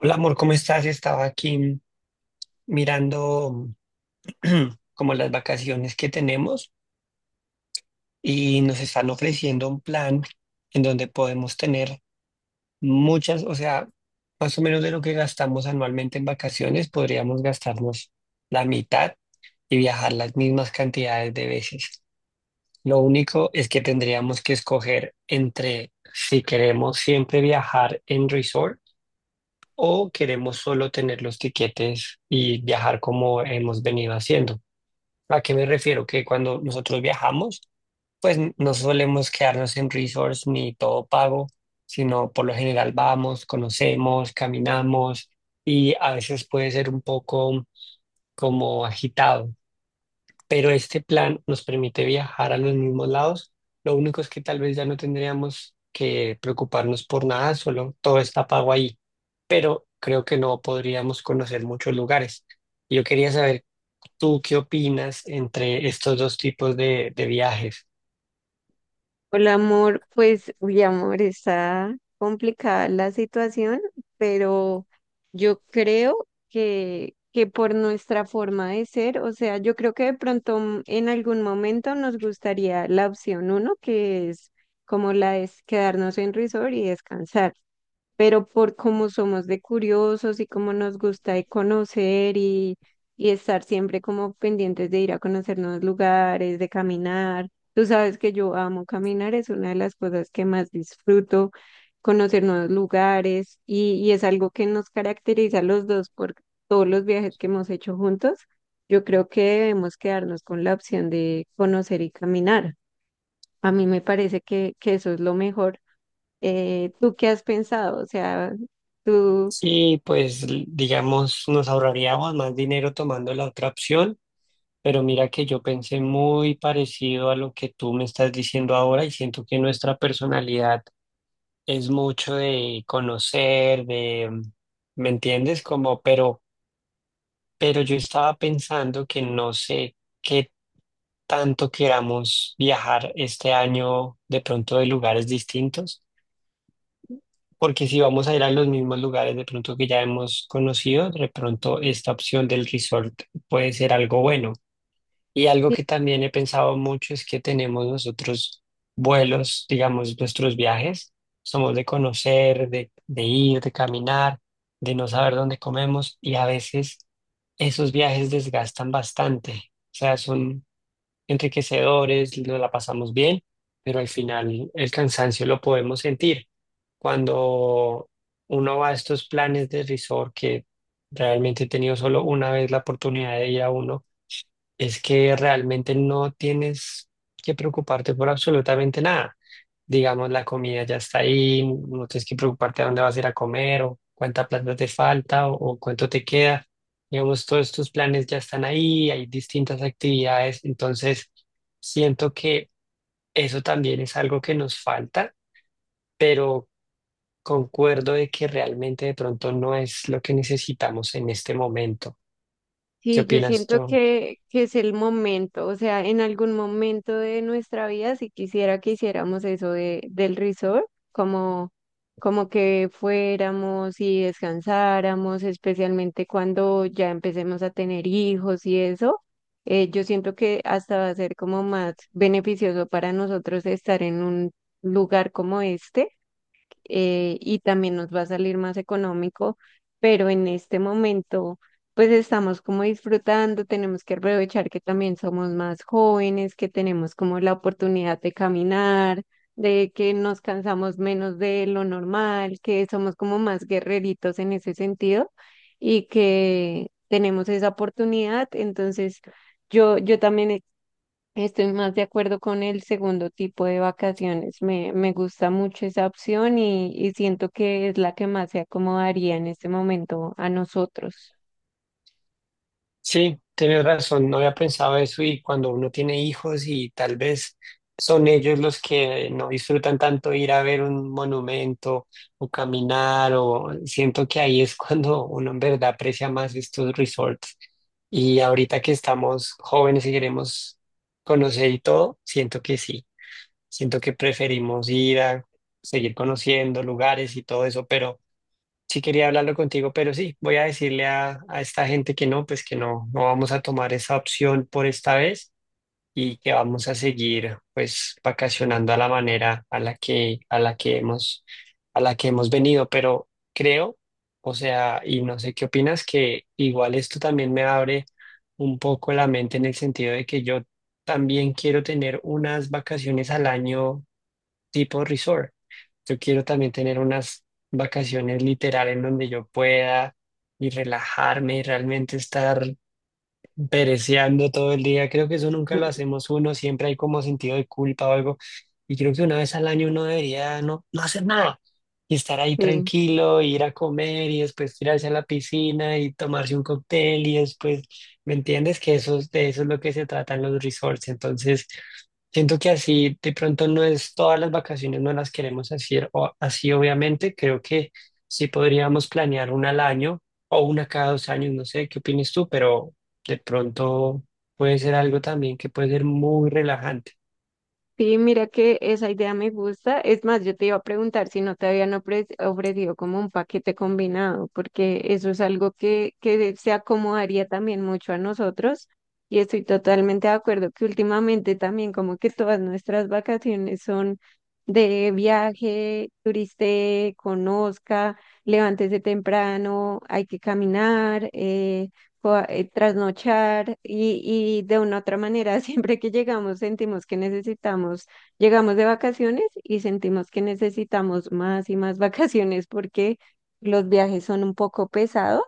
Hola amor, ¿cómo estás? Estaba aquí mirando como las vacaciones que tenemos y nos están ofreciendo un plan en donde podemos tener muchas, o sea, más o menos de lo que gastamos anualmente en vacaciones, podríamos gastarnos la mitad y viajar las mismas cantidades de veces. Lo único es que tendríamos que escoger entre si queremos siempre viajar en resort o queremos solo tener los tiquetes y viajar como hemos venido haciendo. ¿A qué me refiero? Que cuando nosotros viajamos, pues no solemos quedarnos en resorts ni todo pago, sino por lo general vamos, conocemos, caminamos y a veces puede ser un poco como agitado, pero este plan nos permite viajar a los mismos lados. Lo único es que tal vez ya no tendríamos que preocuparnos por nada, solo todo está pago ahí, pero creo que no podríamos conocer muchos lugares. Yo quería saber tú qué opinas entre estos dos tipos de viajes. Hola amor, pues uy amor, está complicada la situación, pero yo creo que por nuestra forma de ser, o sea, yo creo que de pronto en algún momento nos gustaría la opción uno, que es como la de quedarnos en resort y descansar, pero por cómo somos de curiosos y cómo nos gusta de conocer y estar siempre como pendientes de ir a conocer nuevos lugares, de caminar. Tú sabes que yo amo caminar, es una de las cosas que más disfruto, conocer nuevos lugares y es algo que nos caracteriza a los dos por todos los viajes que hemos hecho juntos. Yo creo que debemos quedarnos con la opción de conocer y caminar. A mí me parece que eso es lo mejor. ¿Tú qué has pensado? O sea, tú, Sí, pues digamos, nos ahorraríamos más dinero tomando la otra opción, pero mira que yo pensé muy parecido a lo que tú me estás diciendo ahora y siento que nuestra personalidad es mucho de conocer, ¿me entiendes? Como, pero yo estaba pensando que no sé qué tanto queramos viajar este año de pronto de lugares distintos, porque si vamos a ir a los mismos lugares de pronto que ya hemos conocido, de pronto esta opción del resort puede ser algo bueno. Y algo sí, que también he pensado mucho es que tenemos nosotros vuelos, digamos, nuestros viajes. Somos de conocer, de ir, de caminar, de no saber dónde comemos y a veces esos viajes desgastan bastante. O sea, son enriquecedores, nos la pasamos bien, pero al final el cansancio lo podemos sentir. Cuando uno va a estos planes de resort, que realmente he tenido solo una vez la oportunidad de ir a uno, es que realmente no tienes que preocuparte por absolutamente nada. Digamos, la comida ya está ahí, no tienes que preocuparte a dónde vas a ir a comer o cuánta plata te falta o cuánto te queda. Digamos, todos tus planes ya están ahí, hay distintas actividades, entonces siento que eso también es algo que nos falta, pero concuerdo de que realmente de pronto no es lo que necesitamos en este momento. ¿Qué sí, yo opinas siento tú? que es el momento, o sea, en algún momento de nuestra vida, si quisiera que hiciéramos eso del resort, como, como que fuéramos y descansáramos, especialmente cuando ya empecemos a tener hijos y eso. Yo siento que hasta va a ser como más beneficioso para nosotros estar en un lugar como este. Y también nos va a salir más económico, pero en este momento pues estamos como disfrutando, tenemos que aprovechar que también somos más jóvenes, que tenemos como la oportunidad de caminar, de que nos cansamos menos de lo normal, que somos como más guerreritos en ese sentido y que tenemos esa oportunidad, entonces... Yo también estoy más de acuerdo con el segundo tipo de vacaciones. Me gusta mucho esa opción y siento que es la que más se acomodaría en este momento a nosotros. Sí, tienes razón, no había pensado eso, y cuando uno tiene hijos y tal vez son ellos los que no disfrutan tanto ir a ver un monumento o caminar, o siento que ahí es cuando uno en verdad aprecia más estos resorts. Y ahorita que estamos jóvenes y queremos conocer y todo, siento que sí, siento que preferimos ir a seguir conociendo lugares y todo eso, pero... Sí quería hablarlo contigo, pero sí, voy a decirle a esta gente que no, pues que no, no vamos a tomar esa opción por esta vez y que vamos a seguir, pues, vacacionando a la manera a la que hemos venido. Pero creo, o sea, y no sé qué opinas, que igual esto también me abre un poco la mente en el sentido de que yo también quiero tener unas vacaciones al año tipo resort. Yo quiero también tener unas vacaciones literal en donde yo pueda y relajarme y realmente estar pereceando todo el día. Creo que eso nunca lo hacemos uno, siempre hay como sentido de culpa o algo. Y creo que una vez al año uno debería no hacer nada y estar ahí Sí. tranquilo, ir a comer y después tirarse a la piscina y tomarse un cóctel y después, ¿me entiendes? Que eso, de eso es lo que se trata en los resorts. Entonces, siento que así de pronto no es todas las vacaciones, no las queremos hacer o así, obviamente. Creo que sí podríamos planear una al año o una cada 2 años, no sé, ¿qué opinas tú? Pero de pronto puede ser algo también que puede ser muy relajante. Sí, mira que esa idea me gusta. Es más, yo te iba a preguntar si no te habían ofrecido como un paquete combinado, porque eso es algo que se acomodaría también mucho a nosotros. Y estoy totalmente de acuerdo que últimamente también como que todas nuestras vacaciones son de viaje, turiste, conozca, levántese temprano, hay que caminar. Trasnochar y de una u otra manera, siempre que llegamos sentimos que necesitamos, llegamos de vacaciones y sentimos que necesitamos más y más vacaciones porque los viajes son un poco pesados,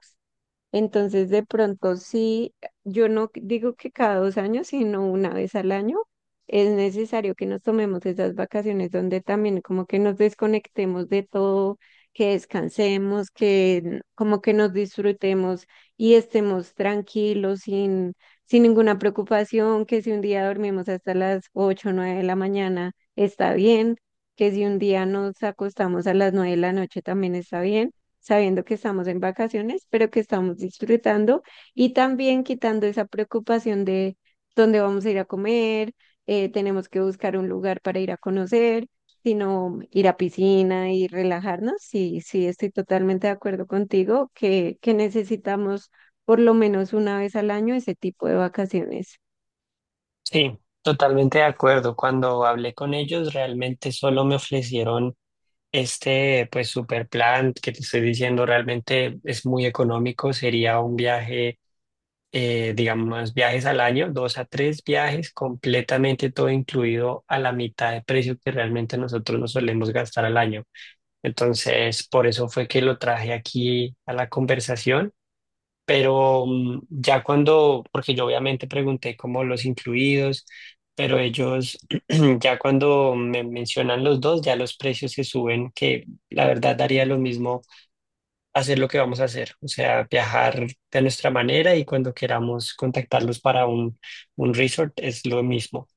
entonces, de pronto sí, yo no digo que cada 2 años, sino 1 vez al año, es necesario que nos tomemos esas vacaciones donde también como que nos desconectemos de todo, que descansemos, como que nos disfrutemos y estemos tranquilos, sin ninguna preocupación, que si un día dormimos hasta las 8 o 9 de la mañana, está bien, que si un día nos acostamos a las 9 de la noche, también está bien, sabiendo que estamos en vacaciones, pero que estamos disfrutando, y también quitando esa preocupación de dónde vamos a ir a comer. Tenemos que buscar un lugar para ir a conocer, sino ir a piscina y relajarnos. Sí, sí, estoy totalmente de acuerdo contigo que necesitamos por lo menos 1 vez al año ese tipo de vacaciones. Sí, totalmente de acuerdo. Cuando hablé con ellos, realmente solo me ofrecieron este, pues, super plan que te estoy diciendo, realmente es muy económico. Sería un viaje, digamos, viajes al año, dos a tres viajes, completamente todo incluido a la mitad de precio que realmente nosotros nos solemos gastar al año. Entonces, por eso fue que lo traje aquí a la conversación. Pero ya cuando, porque yo obviamente pregunté como los incluidos, pero ellos ya cuando me mencionan los dos, ya los precios se suben, que la verdad daría lo mismo hacer lo que vamos a hacer, o sea, viajar de nuestra manera, y cuando queramos contactarlos para un resort es lo mismo.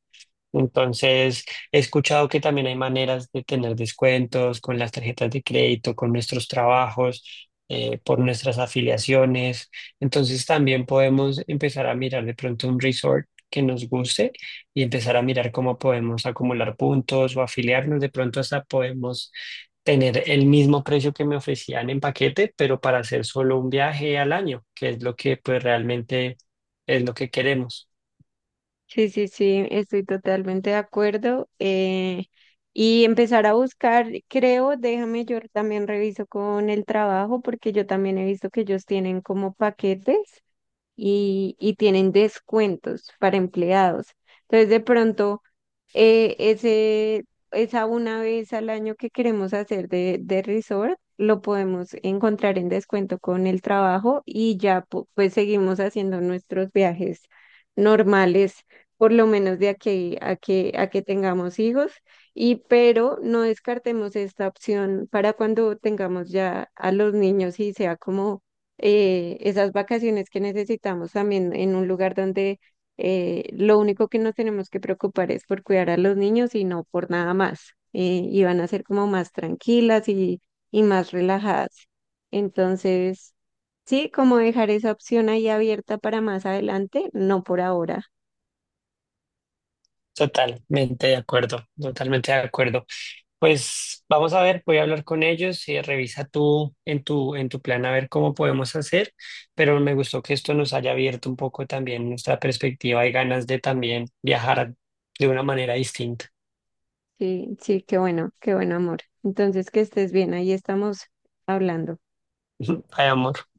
Entonces, he escuchado que también hay maneras de tener descuentos con las tarjetas de crédito, con nuestros trabajos, por nuestras afiliaciones. Entonces, también podemos empezar a mirar de pronto un resort que nos guste y empezar a mirar cómo podemos acumular puntos o afiliarnos. De pronto, hasta podemos tener el mismo precio que me ofrecían en paquete, pero para hacer solo un viaje al año, que es lo que, pues, realmente es lo que queremos. Sí, sí, sí, estoy totalmente de acuerdo. Y empezar a buscar, creo, déjame, yo también reviso con el trabajo porque yo también he visto que ellos tienen como paquetes y tienen descuentos para empleados. Entonces, de pronto... Eh, ese, Esa 1 vez al año que queremos hacer de resort, lo podemos encontrar en descuento con el trabajo y ya pues seguimos haciendo nuestros viajes normales, por lo menos de aquí a que tengamos hijos. Y pero no descartemos esta opción para cuando tengamos ya a los niños y sea como esas vacaciones que necesitamos también en un lugar donde lo único que nos tenemos que preocupar es por cuidar a los niños y no por nada más. Y van a ser como más tranquilas y más relajadas. Entonces, sí, como dejar esa opción ahí abierta para más adelante, no por ahora. Totalmente de acuerdo, totalmente de acuerdo. Pues vamos a ver, voy a hablar con ellos y revisa tú en tu plan a ver cómo podemos hacer, pero me gustó que esto nos haya abierto un poco también nuestra perspectiva y ganas de también viajar de una manera distinta. Sí, sí, qué bueno, amor. Entonces, que estés bien, ahí estamos hablando. Ay, amor.